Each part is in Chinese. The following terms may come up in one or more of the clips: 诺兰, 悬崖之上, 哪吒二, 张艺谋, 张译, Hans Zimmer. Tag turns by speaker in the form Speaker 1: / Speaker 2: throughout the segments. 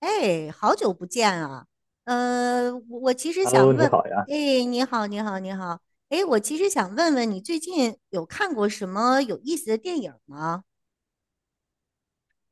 Speaker 1: 哎，好久不见啊！我其实
Speaker 2: Hello，
Speaker 1: 想
Speaker 2: 你
Speaker 1: 问，
Speaker 2: 好呀！
Speaker 1: 哎，你好，你好，你好，哎，我其实想问问你最近有看过什么有意思的电影吗？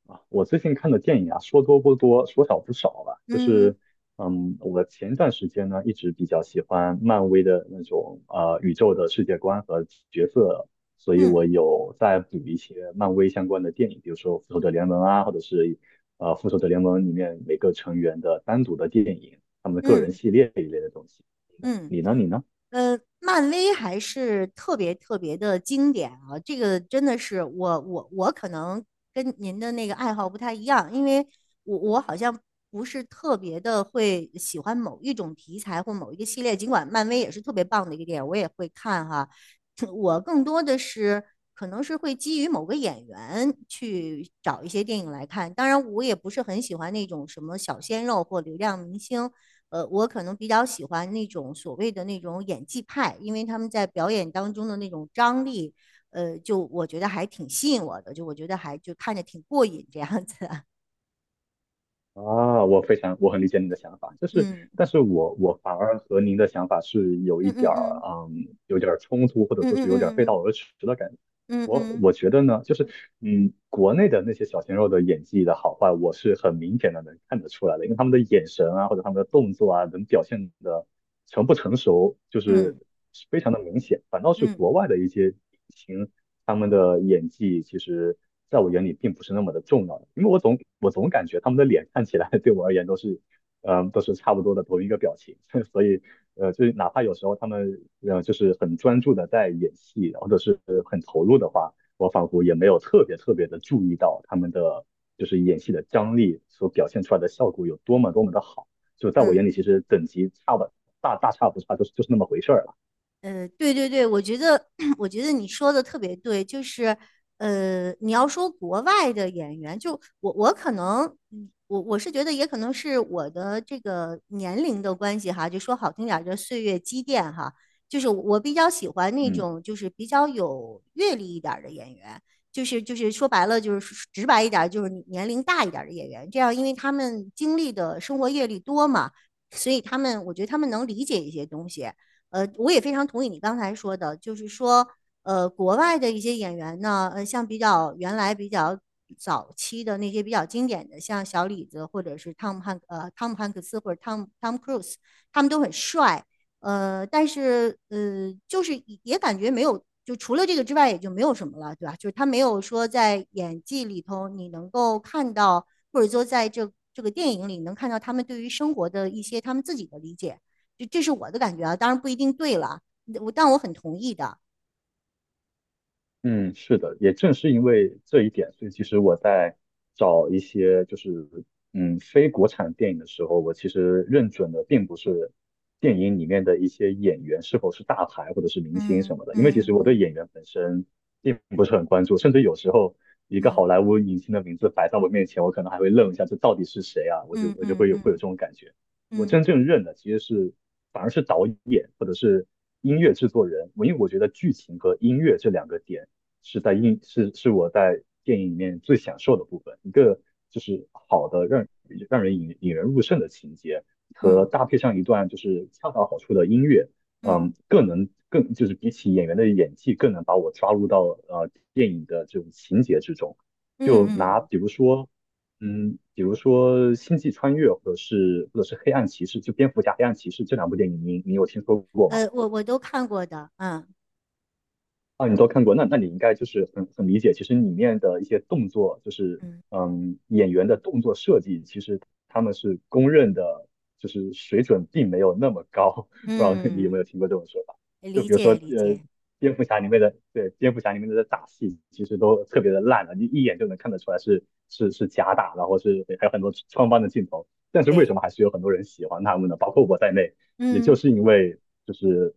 Speaker 2: 啊，我最近看的电影啊，说多不多，说少不少吧。就
Speaker 1: 嗯
Speaker 2: 是，嗯，我前段时间呢，一直比较喜欢漫威的那种宇宙的世界观和角色，所以我
Speaker 1: 嗯
Speaker 2: 有在补一些漫威相关的电影，比如说《复仇者联盟》啊，或者是《复仇者联盟》里面每个成员的单独的电影，他们的个人
Speaker 1: 嗯
Speaker 2: 系列一类的东西。
Speaker 1: 嗯。
Speaker 2: 你呢？你呢？你呢？
Speaker 1: 呃，漫威还是特别特别的经典啊！这个真的是我可能跟您的那个爱好不太一样，因为我好像不是特别的会喜欢某一种题材或某一个系列，尽管漫威也是特别棒的一个电影，我也会看哈。我更多的是可能是会基于某个演员去找一些电影来看，当然我也不是很喜欢那种什么小鲜肉或流量明星。我可能比较喜欢那种所谓的那种演技派，因为他们在表演当中的那种张力，就我觉得还挺吸引我的，就我觉得还就看着挺过瘾这样子啊。
Speaker 2: 啊，我非常，我很理解你的想法，就 是，
Speaker 1: 嗯
Speaker 2: 但是我反而和您的想法是有一
Speaker 1: 嗯
Speaker 2: 点
Speaker 1: 嗯
Speaker 2: 儿，
Speaker 1: 嗯
Speaker 2: 嗯，有点儿冲突，或者
Speaker 1: 嗯
Speaker 2: 说是有点儿背
Speaker 1: 嗯
Speaker 2: 道而驰的感觉。
Speaker 1: 嗯嗯
Speaker 2: 我
Speaker 1: 嗯
Speaker 2: 我觉得呢，就是国内的那些小鲜肉的演技的好坏，我是很明显的能看得出来的，因为他们的眼神啊，或者他们的动作啊，能表现的成不成熟，
Speaker 1: 嗯嗯
Speaker 2: 就
Speaker 1: 嗯
Speaker 2: 是
Speaker 1: 嗯。
Speaker 2: 是非常的明显。反倒是
Speaker 1: 嗯嗯
Speaker 2: 国外的一些明星，他们的演技其实在我眼里并不是那么的重要的，因为我总感觉他们的脸看起来 对我而言都是，嗯、都是差不多的同一个表情，所以就是哪怕有时候他们就是很专注的在演戏，或者是很投入的话，我仿佛也没有特别特别的注意到他们的就是演戏的张力所表现出来的效果有多么多么的好。就在我
Speaker 1: 嗯。
Speaker 2: 眼里，其实等级差不大大差不差，就是就是那么回事儿了。
Speaker 1: 对对对，我觉得 我觉得你说的特别对，就是你要说国外的演员，就我可能，我是觉得也可能是我的这个年龄的关系哈，就说好听点儿叫岁月积淀哈，就是我比较喜欢那
Speaker 2: 嗯。
Speaker 1: 种就是比较有阅历一点儿的演员，就是说白了就是直白一点儿，就是年龄大一点儿的演员，这样因为他们经历的生活阅历多嘛，所以他们我觉得他们能理解一些东西。我也非常同意你刚才说的，就是说，国外的一些演员呢，像比较原来比较早期的那些比较经典的，像小李子或者是汤姆汉克斯或者汤姆克鲁斯，他们都很帅，但是就是也感觉没有，就除了这个之外也就没有什么了，对吧？就是他没有说在演技里头你能够看到，或者说在这个电影里能看到他们对于生活的一些他们自己的理解。这是我的感觉啊，当然不一定对了，但我很同意的。
Speaker 2: 嗯，是的，也正是因为这一点，所以其实我在找一些就是非国产电影的时候，我其实认准的并不是电影里面的一些演员是否是大牌或者是明星
Speaker 1: 嗯
Speaker 2: 什么的，因为其实
Speaker 1: 嗯
Speaker 2: 我对演
Speaker 1: 嗯
Speaker 2: 员本身并不是很关注，甚至有时候一个好
Speaker 1: 嗯
Speaker 2: 莱坞影星的名字摆在我面前，我可能还会愣一下，这到底是谁啊？我就
Speaker 1: 嗯
Speaker 2: 我就
Speaker 1: 嗯
Speaker 2: 会有
Speaker 1: 嗯
Speaker 2: 这种感觉。我
Speaker 1: 嗯
Speaker 2: 真正认的其实是反而是导演或者是音乐制作人，我因为我觉得剧情和音乐这两个点。是在映是是我在电影里面最享受的部分，一个就是好的让人引人入胜的情节，和
Speaker 1: 嗯
Speaker 2: 搭配上一段就是恰到好处的音乐，
Speaker 1: 嗯
Speaker 2: 嗯，更能更就是比起演员的演技，更能把我抓入到电影的这种情节之中。
Speaker 1: 嗯
Speaker 2: 就拿
Speaker 1: 嗯。
Speaker 2: 比如说，嗯，比如说《星际穿越》或者是或者是《黑暗骑士》，就蝙蝠侠、黑暗骑士这两部电影，你有听说过吗？
Speaker 1: 我都看过的。嗯
Speaker 2: 啊，你都看过，那那你应该就是很很理解，其实里面的一些动作，就是
Speaker 1: 嗯
Speaker 2: 嗯，演员的动作设计，其实他们是公认的，就是水准并没有那么高。不知道你有没
Speaker 1: 嗯，
Speaker 2: 有听过这种说法？就
Speaker 1: 理
Speaker 2: 比如说，
Speaker 1: 解理解，
Speaker 2: 蝙蝠侠里面的，对，蝙蝠侠里面的打戏，其实都特别的烂了，你一眼就能看得出来是假打，然后是还有很多穿帮的镜头。但是为什
Speaker 1: 对，
Speaker 2: 么还是有很多人喜欢他们呢？包括我在内，也就
Speaker 1: 嗯
Speaker 2: 是因为就是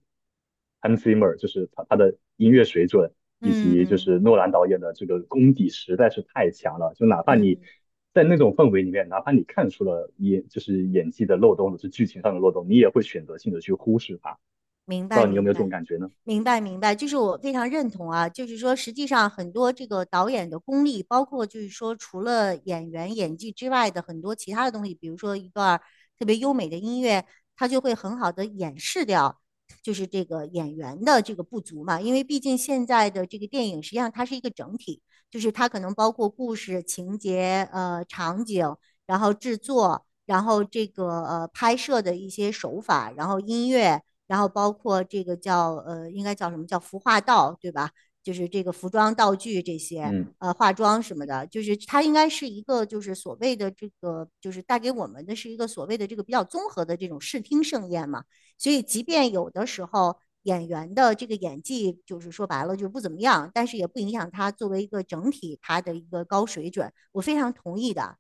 Speaker 2: Hans Zimmer，就是他的音乐水准，以及就
Speaker 1: 嗯
Speaker 2: 是诺兰导演的这个功底实在是太强了。就哪怕你
Speaker 1: 嗯。
Speaker 2: 在那种氛围里面，哪怕你看出了就是演技的漏洞，或者是剧情上的漏洞，你也会选择性的去忽视它。
Speaker 1: 明
Speaker 2: 不知
Speaker 1: 白，
Speaker 2: 道你有没
Speaker 1: 明
Speaker 2: 有这种
Speaker 1: 白，
Speaker 2: 感觉呢？
Speaker 1: 明白，明白，就是我非常认同啊。就是说，实际上很多这个导演的功力，包括就是说，除了演员演技之外的很多其他的东西，比如说一段儿特别优美的音乐，它就会很好的掩饰掉，就是这个演员的这个不足嘛。因为毕竟现在的这个电影，实际上它是一个整体，就是它可能包括故事、情节、场景，然后制作，然后这个拍摄的一些手法，然后音乐。然后包括这个叫应该叫什么叫服化道，对吧？就是这个服装道具这些，
Speaker 2: 嗯，
Speaker 1: 化妆什么的，就是它应该是一个就是所谓的这个，就是带给我们的是一个所谓的这个比较综合的这种视听盛宴嘛。所以，即便有的时候演员的这个演技就是说白了就不怎么样，但是也不影响他作为一个整体他的一个高水准。我非常同意的。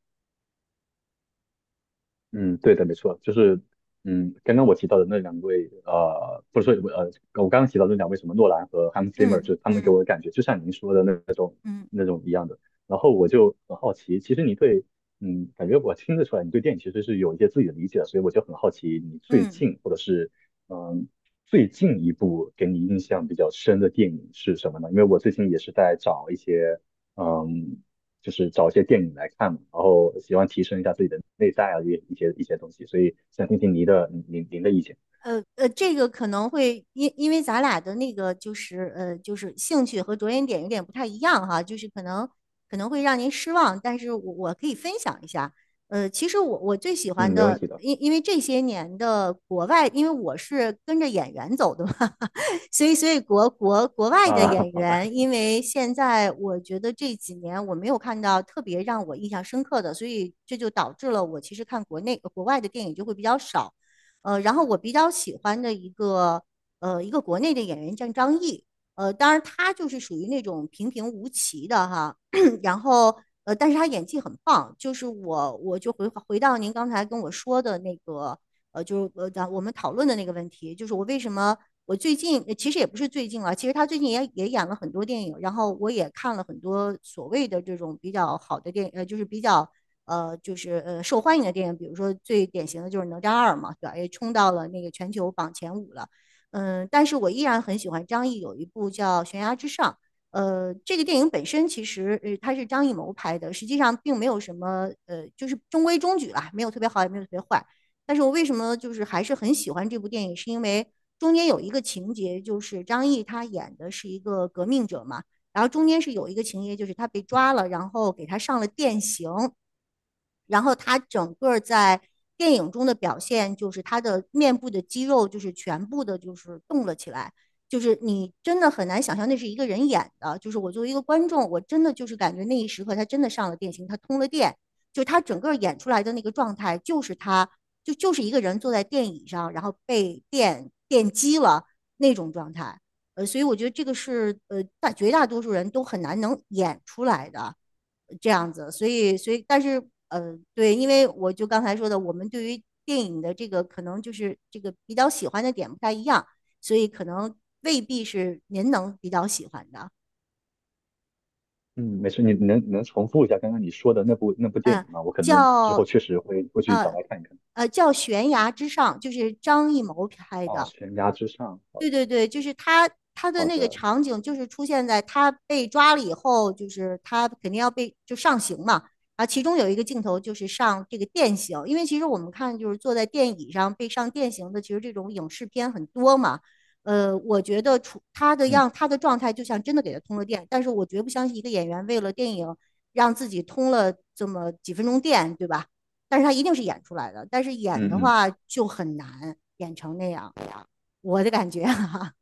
Speaker 2: 嗯，对的，没错，就是嗯，刚刚我提到的那两位，不是说我刚刚提到的那两位什么诺兰和 Hans Zimmer，
Speaker 1: 嗯
Speaker 2: 就是他们给
Speaker 1: 嗯
Speaker 2: 我的感觉就像您说的那那种
Speaker 1: 嗯
Speaker 2: 那种一样的。然后我就很好奇，其实你对，嗯，感觉我听得出来，你对电影其实是有一些自己的理解的，所以我就很好奇，你最
Speaker 1: 嗯。
Speaker 2: 近或者是嗯最近一部给你印象比较深的电影是什么呢？因为我最近也是在找一些。嗯就是找一些电影来看嘛，然后喜欢提升一下自己的内在啊，一些东西，所以想听听您的意见。
Speaker 1: 这个可能会因为咱俩的那个就是兴趣和着眼点有点不太一样哈，就是可能会让您失望，但是我可以分享一下。其实我最喜
Speaker 2: 嗯，
Speaker 1: 欢
Speaker 2: 没问
Speaker 1: 的，
Speaker 2: 题的。
Speaker 1: 因为这些年的国外，因为我是跟着演员走的嘛，所以国外的
Speaker 2: 啊，
Speaker 1: 演
Speaker 2: 好的。
Speaker 1: 员，因为现在我觉得这几年我没有看到特别让我印象深刻的，所以这就导致了我其实看国内国外的电影就会比较少。然后我比较喜欢的一个国内的演员叫张译，当然他就是属于那种平平无奇的哈，然后但是他演技很棒，就是我就回到您刚才跟我说的那个就是我们讨论的那个问题，就是我为什么我最近其实也不是最近了，其实他最近也演了很多电影，然后我也看了很多所谓的这种比较好的电影，就是比较就是受欢迎的电影，比如说最典型的就是《哪吒2》嘛，对吧？也冲到了那个全球榜前五了。嗯，但是我依然很喜欢张译有一部叫《悬崖之上》。这个电影本身其实它是张艺谋拍的，实际上并没有什么就是中规中矩啦，没有特别好，也没有特别坏。但是我为什么就是还是很喜欢这部电影，是因为中间有一个情节，就是张译他演的是一个革命者嘛，然后中间是有一个情节，就是他被
Speaker 2: 嗯
Speaker 1: 抓了，然后给他上了电刑，然后他整个在电影中的表现就是他的面部的肌肉就是全部的就是动了起来，就是你真的很难想象那是一个人演的，就是我作为一个观众，我真的就是感觉那一时刻他真的上了电刑，他通了电，就他整个演出来的那个状态就是他就是一个人坐在电椅上，然后被电击了那种状态。所以我觉得这个是绝大多数人都很难能演出来的这样子，所以但是对，因为我就刚才说的，我们对于电影的这个可能就是这个比较喜欢的点不太一样，所以可能未必是您能比较喜欢的，
Speaker 2: 嗯，没事，你能重复一下刚刚你说的那部电影
Speaker 1: 嗯、
Speaker 2: 吗？我可能之后
Speaker 1: 叫
Speaker 2: 确实会去找
Speaker 1: 呃
Speaker 2: 来看一看。
Speaker 1: 叫《悬崖之上》，就是张艺谋拍
Speaker 2: 哦，
Speaker 1: 的，
Speaker 2: 悬崖之上，好
Speaker 1: 对
Speaker 2: 的
Speaker 1: 对对，就是他的
Speaker 2: 好
Speaker 1: 那个
Speaker 2: 的。
Speaker 1: 场景，就是出现在他被抓了以后，就是他肯定要被就上刑嘛。啊，其中有一个镜头就是上这个电刑，因为其实我们看就是坐在电椅上被上电刑的，其实这种影视片很多嘛。我觉得出
Speaker 2: 嗯
Speaker 1: 他的状态就像真的给他通了电，但是我绝不相信一个演员为了电影让自己通了这么几分钟电，对吧？但是他一定是演出来的，但是演
Speaker 2: 嗯
Speaker 1: 的
Speaker 2: 嗯。
Speaker 1: 话就很难演成那样。我的感觉哈、啊，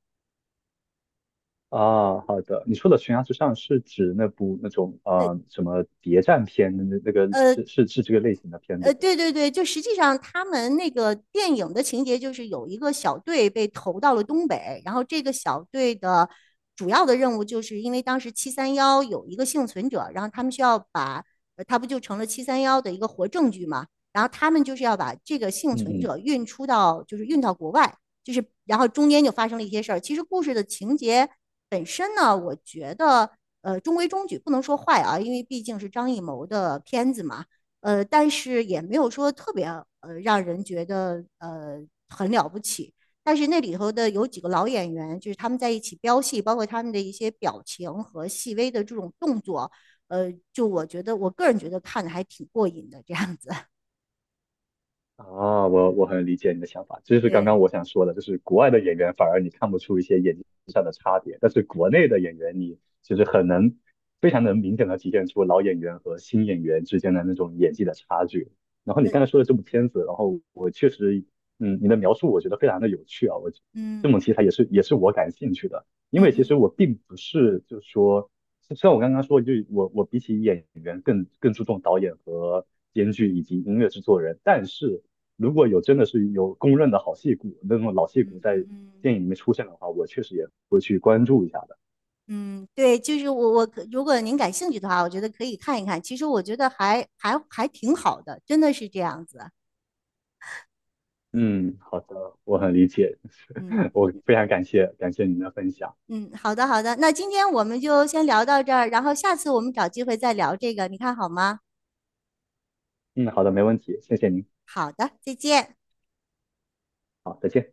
Speaker 2: 啊，好的。你说的悬崖之上是指那部那种什么谍战片的那那个
Speaker 1: 呃，
Speaker 2: 是这个类型的片子对吗？
Speaker 1: 对对对，就实际上他们那个电影的情节就是有一个小队被投到了东北，然后这个小队的主要的任务就是因为当时七三幺有一个幸存者，然后他们需要把，他不就成了七三幺的一个活证据嘛，然后他们就是要把这个幸
Speaker 2: 嗯
Speaker 1: 存
Speaker 2: 嗯
Speaker 1: 者运出到，就是运到国外，就是然后中间就发生了一些事儿。其实故事的情节本身呢，我觉得中规中矩，不能说坏啊，因为毕竟是张艺谋的片子嘛。但是也没有说特别让人觉得很了不起。但是那里头的有几个老演员，就是他们在一起飙戏，包括他们的一些表情和细微的这种动作，就我觉得我个人觉得看的还挺过瘾的这样子。
Speaker 2: 啊，我我很理解你的想法，这就是刚
Speaker 1: 对，
Speaker 2: 刚我想说的，就是国外的演员反而你看不出一些演技上的差别，但是国内的演员你就是很能非常能明显的体现出老演员和新演员之间的那种演技的差距。然后 你
Speaker 1: 呃，
Speaker 2: 刚才说的这部片子，然后我确实，嗯，你的描述我觉得非常的有趣啊，我
Speaker 1: 嗯
Speaker 2: 这种题材也是我感兴趣的，因
Speaker 1: 嗯
Speaker 2: 为其实
Speaker 1: 嗯
Speaker 2: 我并不是就是说。虽然我刚刚说，就我比起演员更注重导演和编剧以及音乐制作人，但是如果有真的是有公认的好戏骨，那种老戏骨
Speaker 1: 嗯
Speaker 2: 在
Speaker 1: 嗯嗯
Speaker 2: 电影里面出现的话，我确实也会去关注一下的。
Speaker 1: 嗯，对，就是我如果您感兴趣的话，我觉得可以看一看。其实我觉得还挺好的，真的是这样子。
Speaker 2: 嗯，好的，我很理解，
Speaker 1: 嗯。
Speaker 2: 我非常感谢您的分享。
Speaker 1: 嗯，好的好的，那今天我们就先聊到这儿，然后下次我们找机会再聊这个，你看好吗？
Speaker 2: 嗯，好的，没问题，谢谢您，
Speaker 1: 好的，再见。
Speaker 2: 好，再见。